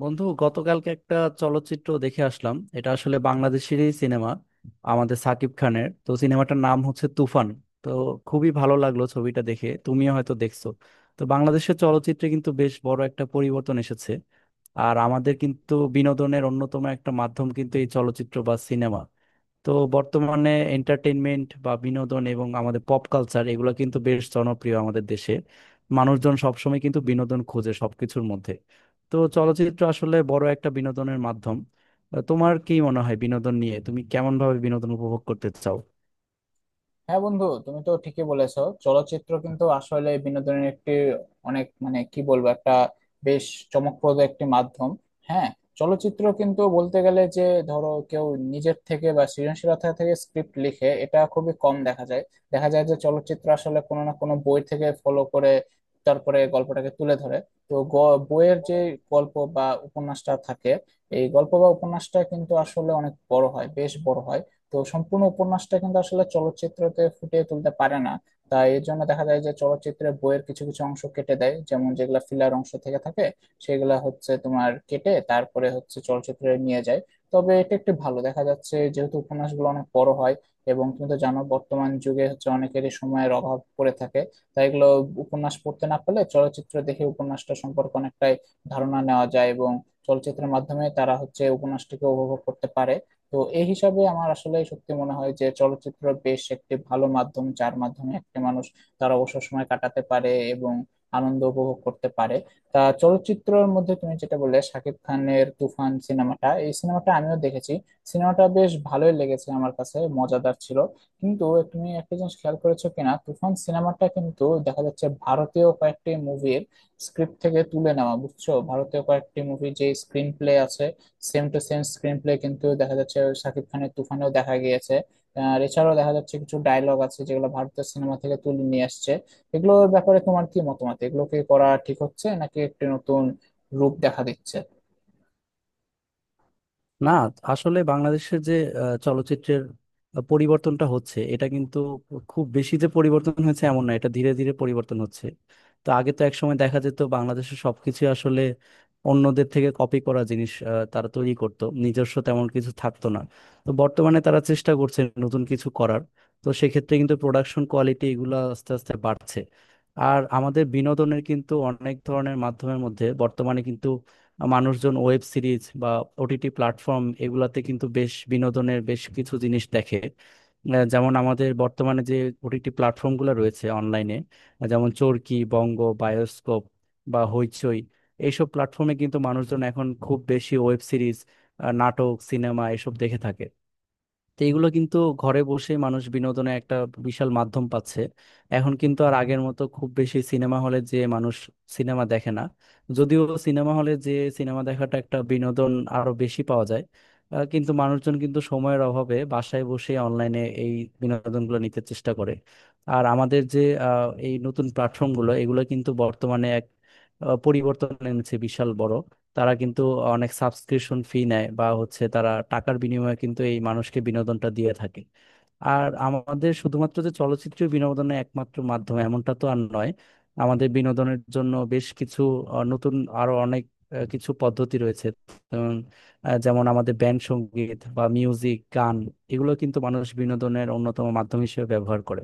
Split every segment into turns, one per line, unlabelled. বন্ধু গতকালকে একটা চলচ্চিত্র দেখে আসলাম। এটা আসলে বাংলাদেশেরই সিনেমা, আমাদের সাকিব খানের। তো সিনেমাটার নাম হচ্ছে তুফান। তো খুবই ভালো লাগলো ছবিটা দেখে, তুমিও হয়তো দেখছো। তো বাংলাদেশের চলচ্চিত্রে কিন্তু বেশ বড় একটা পরিবর্তন এসেছে। আর আমাদের কিন্তু বিনোদনের অন্যতম একটা মাধ্যম কিন্তু এই চলচ্চিত্র বা সিনেমা। তো বর্তমানে এন্টারটেইনমেন্ট বা বিনোদন এবং আমাদের পপ কালচার এগুলো কিন্তু বেশ জনপ্রিয় আমাদের দেশে। মানুষজন সবসময় কিন্তু বিনোদন খোঁজে সবকিছুর মধ্যে। তো চলচ্চিত্র আসলে বড় একটা বিনোদনের মাধ্যম। তোমার কি মনে হয় বিনোদন নিয়ে? তুমি কেমন ভাবে বিনোদন উপভোগ করতে চাও?
হ্যাঁ বন্ধু, তুমি তো ঠিকই বলেছো। চলচ্চিত্র কিন্তু আসলে বিনোদনের একটি, অনেক, মানে কি বলবো, একটা বেশ চমকপ্রদ একটি মাধ্যম। হ্যাঁ, চলচ্চিত্র কিন্তু বলতে গেলে, যে ধরো কেউ নিজের থেকে বা সৃজনশীলতা থেকে স্ক্রিপ্ট লিখে, এটা খুবই কম দেখা যায়। দেখা যায় যে চলচ্চিত্র আসলে কোনো না কোনো বই থেকে ফলো করে তারপরে গল্পটাকে তুলে ধরে। তো বইয়ের যে গল্প বা উপন্যাসটা থাকে, এই গল্প বা উপন্যাসটা কিন্তু আসলে অনেক বড় হয়, বেশ বড় হয়। তো সম্পূর্ণ উপন্যাসটা কিন্তু আসলে চলচ্চিত্রতে ফুটিয়ে তুলতে পারে না। তাই এর জন্য দেখা যায় যে চলচ্চিত্রে বইয়ের কিছু কিছু অংশ কেটে দেয়, যেমন যেগুলা ফিলার অংশ থেকে থাকে সেগুলা হচ্ছে তোমার কেটে তারপরে হচ্ছে চলচ্চিত্রে নিয়ে যায়। তবে এটা একটু ভালো দেখা যাচ্ছে, যেহেতু উপন্যাসগুলো অনেক বড় হয়, এবং তুমি তো জানো বর্তমান যুগে হচ্ছে অনেকেরই সময়ের অভাব পড়ে থাকে। তাই এগুলো উপন্যাস পড়তে না পারলে চলচ্চিত্র দেখে উপন্যাসটা সম্পর্কে অনেকটাই ধারণা নেওয়া যায়, এবং চলচ্চিত্রের মাধ্যমে তারা হচ্ছে উপন্যাসটিকে উপভোগ করতে পারে। তো এই হিসাবে আমার আসলে সত্যি মনে হয় যে চলচ্চিত্র বেশ একটি ভালো মাধ্যম, যার মাধ্যমে একটি মানুষ তার অবসর সময় কাটাতে পারে এবং আনন্দ উপভোগ করতে পারে। তা চলচ্চিত্রের মধ্যে তুমি যেটা বললে শাকিব খানের তুফান সিনেমাটা, এই সিনেমাটা আমিও দেখেছি। সিনেমাটা বেশ ভালোই লেগেছে, আমার কাছে মজাদার ছিল। কিন্তু তুমি একটা জিনিস খেয়াল করেছো কিনা, তুফান সিনেমাটা কিন্তু দেখা যাচ্ছে ভারতীয় কয়েকটি মুভির স্ক্রিপ্ট থেকে তুলে নেওয়া, বুঝছো? ভারতীয় কয়েকটি মুভি যে স্ক্রিন প্লে আছে, same to same screenplay কিন্তু দেখা যাচ্ছে শাকিব খানের তুফানেও দেখা গিয়েছে। আর এছাড়াও দেখা যাচ্ছে কিছু ডায়লগ আছে যেগুলো ভারতীয় সিনেমা থেকে তুলে নিয়ে আসছে। এগুলোর ব্যাপারে তোমার কি মতামত, এগুলোকে করা ঠিক হচ্ছে নাকি একটি নতুন রূপ দেখা দিচ্ছে?
না, আসলে বাংলাদেশের যে চলচ্চিত্রের পরিবর্তনটা হচ্ছে, এটা কিন্তু খুব বেশি যে পরিবর্তন হয়েছে এমন না, এটা ধীরে ধীরে পরিবর্তন হচ্ছে। তো আগে তো একসময় দেখা যেত বাংলাদেশের সবকিছু আসলে অন্যদের থেকে কপি করা জিনিস, তারা তৈরি করত, নিজস্ব তেমন কিছু থাকতো না। তো বর্তমানে তারা চেষ্টা করছে নতুন কিছু করার। তো সেক্ষেত্রে কিন্তু প্রোডাকশন কোয়ালিটি এগুলো আস্তে আস্তে বাড়ছে। আর আমাদের বিনোদনের কিন্তু অনেক ধরনের মাধ্যমের মধ্যে বর্তমানে কিন্তু মানুষজন ওয়েব সিরিজ বা ওটিটি প্ল্যাটফর্ম এগুলাতে কিন্তু বেশ বিনোদনের বেশ কিছু জিনিস দেখে। যেমন আমাদের বর্তমানে যে ওটিটি প্ল্যাটফর্মগুলো রয়েছে অনলাইনে, যেমন চরকি, বঙ্গ, বায়োস্কোপ বা হইচই। এইসব প্ল্যাটফর্মে কিন্তু মানুষজন এখন খুব বেশি ওয়েব সিরিজ, নাটক, সিনেমা এসব দেখে থাকে। তো এগুলো কিন্তু ঘরে বসে মানুষ বিনোদনের একটা বিশাল মাধ্যম পাচ্ছে। এখন কিন্তু আর আগের মতো খুব বেশি সিনেমা হলে যে মানুষ সিনেমা দেখে না। যদিও সিনেমা হলে যে সিনেমা দেখাটা, একটা বিনোদন আরো বেশি পাওয়া যায়। কিন্তু মানুষজন কিন্তু সময়ের অভাবে বাসায় বসে অনলাইনে এই বিনোদনগুলো নিতে চেষ্টা করে। আর আমাদের যে এই নতুন প্ল্যাটফর্মগুলো, এগুলো কিন্তু বর্তমানে এক পরিবর্তন এনেছে, বিশাল বড়। তারা কিন্তু অনেক সাবস্ক্রিপশন ফি নেয়, বা হচ্ছে তারা টাকার বিনিময়ে কিন্তু এই মানুষকে বিনোদনটা দিয়ে থাকে। আর আমাদের শুধুমাত্র যে চলচ্চিত্র বিনোদনের একমাত্র মাধ্যম, এমনটা তো আর নয়। আমাদের বিনোদনের জন্য বেশ কিছু নতুন, আরো অনেক কিছু পদ্ধতি রয়েছে। যেমন যেমন আমাদের ব্যান্ড সঙ্গীত বা মিউজিক, গান, এগুলো কিন্তু মানুষ বিনোদনের অন্যতম মাধ্যম হিসেবে ব্যবহার করে।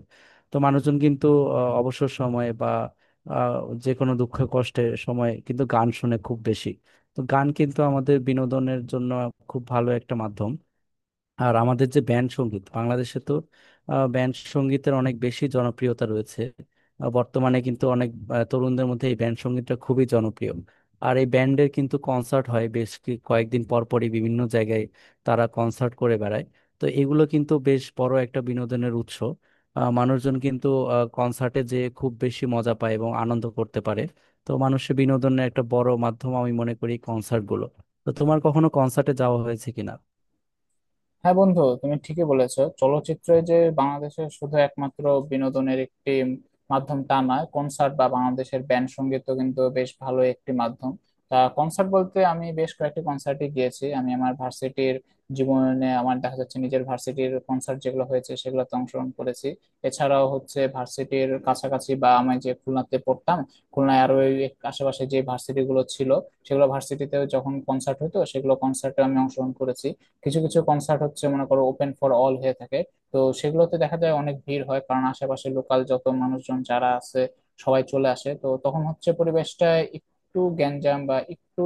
তো মানুষজন কিন্তু অবসর সময়ে বা আহ, যে কোনো দুঃখ কষ্টের সময় কিন্তু গান শুনে খুব বেশি। তো গান কিন্তু আমাদের বিনোদনের জন্য খুব ভালো একটা মাধ্যম। আর আমাদের যে ব্যান্ড সঙ্গীত, বাংলাদেশে তো ব্যান্ড সঙ্গীতের অনেক বেশি জনপ্রিয়তা রয়েছে। বর্তমানে কিন্তু অনেক তরুণদের মধ্যে এই ব্যান্ড সঙ্গীতটা খুবই জনপ্রিয়। আর এই ব্যান্ডের কিন্তু কনসার্ট হয় বেশ কয়েকদিন পর পরই বিভিন্ন জায়গায়, তারা কনসার্ট করে বেড়ায়। তো এগুলো কিন্তু বেশ বড় একটা বিনোদনের উৎস। মানুষজন কিন্তু কনসার্টে যেয়ে খুব বেশি মজা পায় এবং আনন্দ করতে পারে। তো মানুষের বিনোদনের একটা বড় মাধ্যম আমি মনে করি কনসার্টগুলো। তো তোমার কখনো কনসার্টে যাওয়া হয়েছে কিনা?
হ্যাঁ বন্ধু, তুমি ঠিকই বলেছো, চলচ্চিত্র যে বাংলাদেশের শুধু একমাত্র বিনোদনের একটি মাধ্যম তা নয়, কনসার্ট বা বাংলাদেশের ব্যান্ড সঙ্গীতও কিন্তু বেশ ভালো একটি মাধ্যম। তা কনসার্ট বলতে আমি বেশ কয়েকটি কনসার্টে গিয়েছি। আমি আমার ভার্সিটির জীবনে, আমার দেখা যাচ্ছে, নিজের ভার্সিটির কনসার্ট যেগুলো হয়েছে সেগুলোতে অংশগ্রহণ করেছি। এছাড়াও হচ্ছে ভার্সিটির কাছাকাছি, বা আমি যে খুলনাতে পড়তাম, খুলনায় আরো ওই আশেপাশে যে ভার্সিটি গুলো ছিল সেগুলো ভার্সিটিতে যখন কনসার্ট হতো, সেগুলো কনসার্টে আমি অংশগ্রহণ করেছি। কিছু কিছু কনসার্ট হচ্ছে মনে করো ওপেন ফর অল হয়ে থাকে। তো সেগুলোতে দেখা যায় অনেক ভিড় হয়, কারণ আশেপাশে লোকাল যত মানুষজন যারা আছে সবাই চলে আসে। তো তখন হচ্ছে পরিবেশটা একটু গ্যাঞ্জাম বা একটু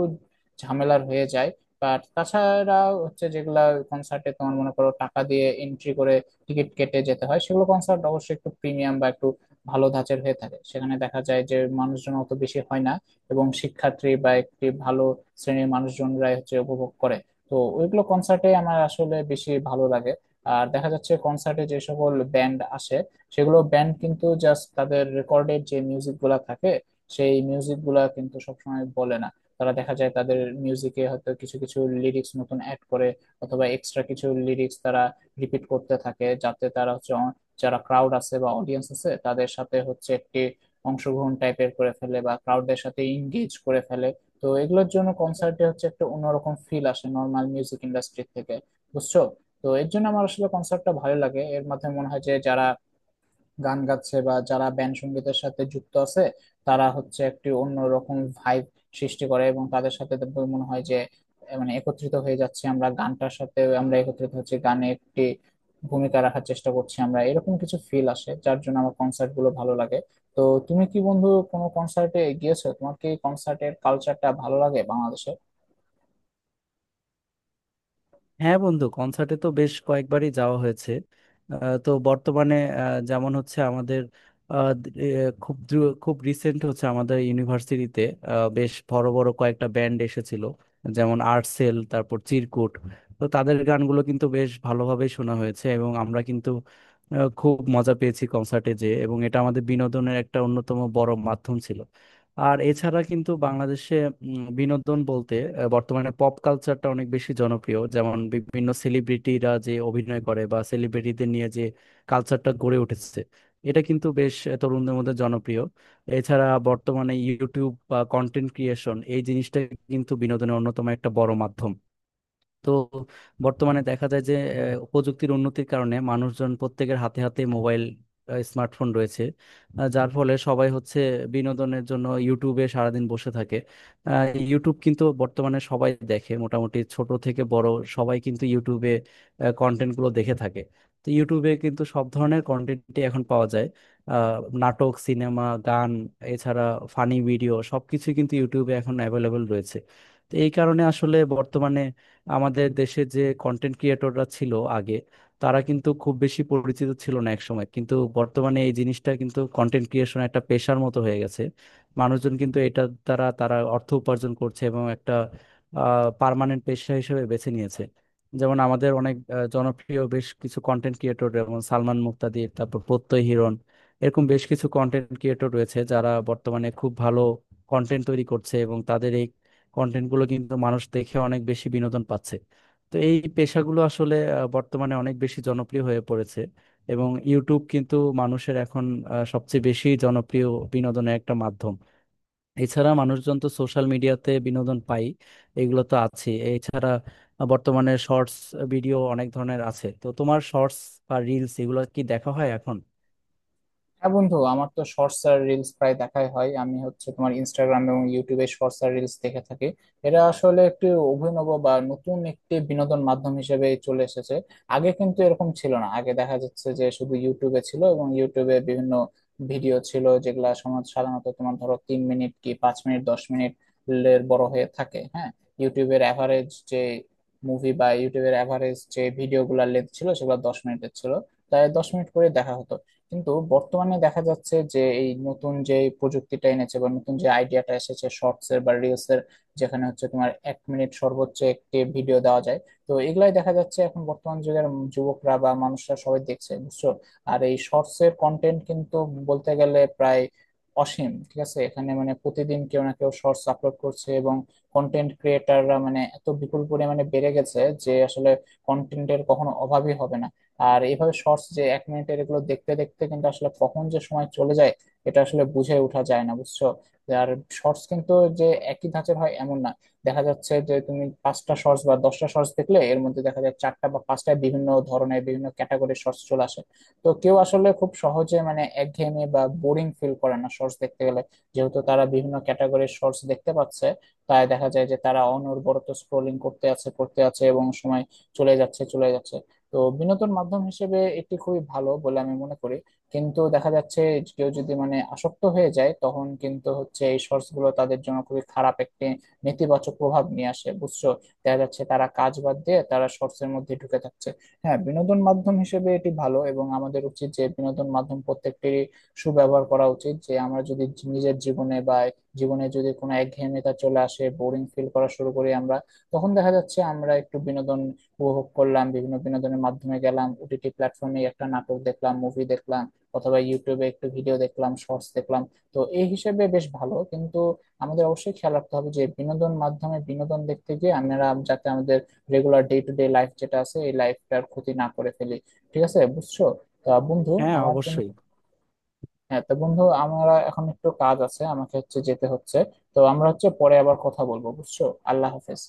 ঝামেলার হয়ে যায়। বাট তাছাড়া হচ্ছে যেগুলা কনসার্টে তোমার মনে করো টাকা দিয়ে এন্ট্রি করে টিকিট কেটে যেতে হয় সেগুলো কনসার্ট অবশ্যই একটু প্রিমিয়াম বা একটু ভালো ধাঁচের হয়ে থাকে। সেখানে দেখা যায় যে মানুষজন অত বেশি হয় না, এবং শিক্ষার্থী বা একটি ভালো শ্রেণীর মানুষজনরাই হচ্ছে উপভোগ করে। তো ওইগুলো কনসার্টে আমার আসলে বেশি ভালো লাগে। আর দেখা যাচ্ছে কনসার্টে যে সকল ব্যান্ড আসে, সেগুলো ব্যান্ড কিন্তু জাস্ট তাদের রেকর্ডের যে মিউজিক গুলা থাকে সেই মিউজিক গুলা কিন্তু সবসময় বলে না। তারা দেখা যায় তাদের মিউজিকে হয়তো কিছু কিছু লিরিক্স নতুন অ্যাড করে, অথবা এক্সট্রা কিছু লিরিক্স তারা রিপিট করতে থাকে, যাতে তারা হচ্ছে যারা ক্রাউড আছে বা অডিয়েন্স আছে তাদের সাথে হচ্ছে একটি অংশগ্রহণ টাইপের করে ফেলে, বা ক্রাউডদের সাথে ইংগেজ করে ফেলে। তো এগুলোর জন্য কনসার্টে হচ্ছে একটা অন্যরকম ফিল আসে নর্মাল মিউজিক ইন্ডাস্ট্রি থেকে, বুঝছো? তো এর জন্য আমার আসলে কনসার্টটা ভালো লাগে। এর মাধ্যমে মনে হয় যে যারা গান গাচ্ছে বা যারা ব্যান্ড সঙ্গীতের সাথে যুক্ত আছে, তারা হচ্ছে একটি অন্যরকম ভাইব সৃষ্টি করে, এবং তাদের সাথে তো মনে হয় যে মানে একত্রিত হয়ে যাচ্ছে, আমরা গানটার সাথে আমরা একত্রিত হচ্ছে, গানে একটি ভূমিকা রাখার চেষ্টা করছি আমরা, এরকম কিছু ফিল আসে যার জন্য আমার কনসার্ট গুলো ভালো লাগে। তো তুমি কি বন্ধু কোনো কনসার্টে গিয়েছো? তোমার কি কনসার্টের কালচারটা ভালো লাগে বাংলাদেশে?
হ্যাঁ বন্ধু, কনসার্টে তো বেশ কয়েকবারই যাওয়া হয়েছে। তো বর্তমানে যেমন হচ্ছে আমাদের আহ, দ- এ, খুব রিসেন্ট হচ্ছে আমাদের ইউনিভার্সিটিতে বেশ বড় বড় কয়েকটা ব্যান্ড এসেছিল, যেমন আর্টসেল, তারপর চিরকুট। তো তাদের গানগুলো কিন্তু বেশ ভালোভাবে শোনা হয়েছে এবং আমরা কিন্তু খুব মজা পেয়েছি কনসার্টে যে, এবং এটা আমাদের বিনোদনের একটা অন্যতম বড় মাধ্যম ছিল। আর এছাড়া কিন্তু বাংলাদেশে বিনোদন বলতে বর্তমানে পপ কালচারটা অনেক বেশি জনপ্রিয়, যেমন বিভিন্ন সেলিব্রিটিরা যে অভিনয় করে বা সেলিব্রিটিদের নিয়ে যে কালচারটা গড়ে উঠেছে, এটা কিন্তু বেশ তরুণদের মধ্যে জনপ্রিয়। এছাড়া বর্তমানে ইউটিউব বা কন্টেন্ট ক্রিয়েশন, এই জিনিসটা কিন্তু বিনোদনের অন্যতম একটা বড় মাধ্যম। তো বর্তমানে দেখা যায় যে প্রযুক্তির উন্নতির কারণে মানুষজন প্রত্যেকের হাতে হাতে মোবাইল, স্মার্টফোন রয়েছে। যার ফলে সবাই হচ্ছে বিনোদনের জন্য ইউটিউবে সারাদিন বসে থাকে। আহ, ইউটিউব কিন্তু বর্তমানে সবাই দেখে, মোটামুটি ছোট থেকে বড় সবাই কিন্তু ইউটিউবে কন্টেন্টগুলো দেখে থাকে। তো ইউটিউবে কিন্তু সব ধরনের কন্টেন্টই এখন পাওয়া যায়, নাটক, সিনেমা, গান, এছাড়া ফানি ভিডিও সবকিছু কিন্তু ইউটিউবে এখন অ্যাভেলেবল রয়েছে। তো এই কারণে আসলে বর্তমানে আমাদের দেশে যে কন্টেন্ট ক্রিয়েটররা ছিল আগে, তারা কিন্তু খুব বেশি পরিচিত ছিল না একসময়, কিন্তু বর্তমানে এই জিনিসটা কিন্তু, কন্টেন্ট ক্রিয়েশন একটা পেশার মতো হয়ে গেছে। মানুষজন কিন্তু এটা দ্বারা তারা অর্থ উপার্জন করছে এবং একটা পার্মানেন্ট পেশা হিসেবে বেছে নিয়েছে। যেমন আমাদের অনেক জনপ্রিয় বেশ কিছু কন্টেন্ট ক্রিয়েটর, যেমন সালমান মুক্তাদির, তারপর প্রত্যয় হিরণ, এরকম বেশ কিছু কন্টেন্ট ক্রিয়েটর রয়েছে যারা বর্তমানে খুব ভালো কন্টেন্ট তৈরি করছে এবং তাদের এই কন্টেন্ট গুলো কিন্তু মানুষ দেখে অনেক বেশি বিনোদন পাচ্ছে। তো এই পেশাগুলো আসলে বর্তমানে অনেক বেশি জনপ্রিয় হয়ে পড়েছে এবং ইউটিউব কিন্তু মানুষের এখন সবচেয়ে বেশি জনপ্রিয় বিনোদনের একটা মাধ্যম। এছাড়া মানুষজন তো সোশ্যাল মিডিয়াতে বিনোদন পাই, এগুলো তো আছে। এছাড়া বর্তমানে শর্টস ভিডিও অনেক ধরনের আছে। তো তোমার শর্টস বা রিলস এগুলো কি দেখা হয় এখন?
হ্যাঁ বন্ধু, আমার তো শর্টস আর রিলস প্রায় দেখাই হয়। আমি হচ্ছে তোমার ইনস্টাগ্রাম এবং ইউটিউবে শর্টস আর রিলস দেখে থাকি। এটা আসলে একটি অভিনব বা নতুন একটি বিনোদন মাধ্যম হিসেবে চলে এসেছে। আগে কিন্তু এরকম ছিল না। আগে দেখা যাচ্ছে যে শুধু ইউটিউবে ছিল, এবং ইউটিউবে বিভিন্ন ভিডিও ছিল যেগুলা সমাজ সাধারণত তোমার ধরো তিন মিনিট কি পাঁচ মিনিট দশ মিনিট এর বড় হয়ে থাকে। হ্যাঁ, ইউটিউবের অ্যাভারেজ যে মুভি বা ইউটিউবের অ্যাভারেজ যে ভিডিওগুলোর লেন্থ ছিল সেগুলো দশ মিনিটের ছিল, তাই দশ মিনিট করে দেখা হতো। কিন্তু বর্তমানে দেখা যাচ্ছে যে এই নতুন যে প্রযুক্তিটা এনেছে, বা নতুন যে আইডিয়াটা এসেছে শর্টস এর বা রিলস এর, যেখানে হচ্ছে তোমার এক মিনিট সর্বোচ্চ একটি ভিডিও দেওয়া যায়। তো এগুলাই দেখা যাচ্ছে এখন বর্তমান যুগের যুবকরা বা মানুষরা সবাই দেখছে, বুঝছো? আর এই শর্টস এর কন্টেন্ট কিন্তু বলতে গেলে প্রায় অসীম, ঠিক আছে? এখানে মানে প্রতিদিন কেউ না কেউ শর্টস আপলোড করছে, এবং কন্টেন্ট ক্রিয়েটাররা মানে এত বিপুল পরিমাণে বেড়ে গেছে যে আসলে কন্টেন্টের কখনো অভাবই হবে না। আর এইভাবে শর্টস যে এক মিনিটের, এগুলো দেখতে দেখতে কিন্তু আসলে কখন যে সময় চলে যায় এটা আসলে বুঝে ওঠা যায় না, বুঝছো? আর শর্টস কিন্তু যে একই ধাঁচের হয় এমন না। দেখা যাচ্ছে যে তুমি পাঁচটা শর্টস বা দশটা শর্টস দেখলে, এর মধ্যে দেখা যায় চারটা বা পাঁচটা বিভিন্ন ধরনের, বিভিন্ন ক্যাটাগরির শর্টস চলে আসে। তো কেউ আসলে খুব সহজে মানে একঘেয়েমি বা বোরিং ফিল করে না শর্টস দেখতে গেলে, যেহেতু তারা বিভিন্ন ক্যাটাগরির শর্টস দেখতে পাচ্ছে। তাই দেখা যায় যে তারা অনবরত স্ক্রোলিং করতে আছে করতে আছে, এবং সময় চলে যাচ্ছে চলে যাচ্ছে। তো বিনোদন মাধ্যম হিসেবে এটি খুবই ভালো বলে আমি মনে করি। কিন্তু দেখা যাচ্ছে কেউ যদি মানে আসক্ত হয়ে যায়, তখন কিন্তু হচ্ছে এই শর্টস গুলো তাদের জন্য খুবই খারাপ একটি নেতিবাচক প্রভাব নিয়ে আসে, বুঝছো? দেখা যাচ্ছে তারা কাজ বাদ দিয়ে তারা শর্টস এর মধ্যে ঢুকে থাকছে। হ্যাঁ, বিনোদন মাধ্যম হিসেবে এটি ভালো, এবং আমাদের উচিত যে বিনোদন মাধ্যম প্রত্যেকটিরই সুব্যবহার করা উচিত, যে আমরা যদি নিজের জীবনে বা জীবনে যদি কোনো একঘেয়েমিতা চলে আসে, বোরিং ফিল করা শুরু করি আমরা, তখন দেখা যাচ্ছে আমরা একটু বিনোদন উপভোগ করলাম, বিভিন্ন বিনোদনের মাধ্যমে গেলাম, ওটিটি প্ল্যাটফর্মে একটা নাটক দেখলাম, মুভি দেখলাম, অথবা ইউটিউবে একটু ভিডিও দেখলাম, শর্টস দেখলাম। তো এই হিসেবে বেশ ভালো, কিন্তু আমাদের অবশ্যই খেয়াল রাখতে হবে যে বিনোদন মাধ্যমে বিনোদন দেখতে গিয়ে আমরা যাতে আমাদের regular day to day life যেটা আছে, এই লাইফটার ক্ষতি না করে ফেলি। ঠিক আছে, বুঝছো? তা বন্ধু,
হ্যাঁ
আমার কিন্তু,
অবশ্যই।
হ্যাঁ, তো বন্ধু আমরা এখন, একটু কাজ আছে আমাকে, হচ্ছে যেতে হচ্ছে। তো আমরা হচ্ছে পরে আবার কথা বলবো, বুঝছো? আল্লাহ হাফেজ।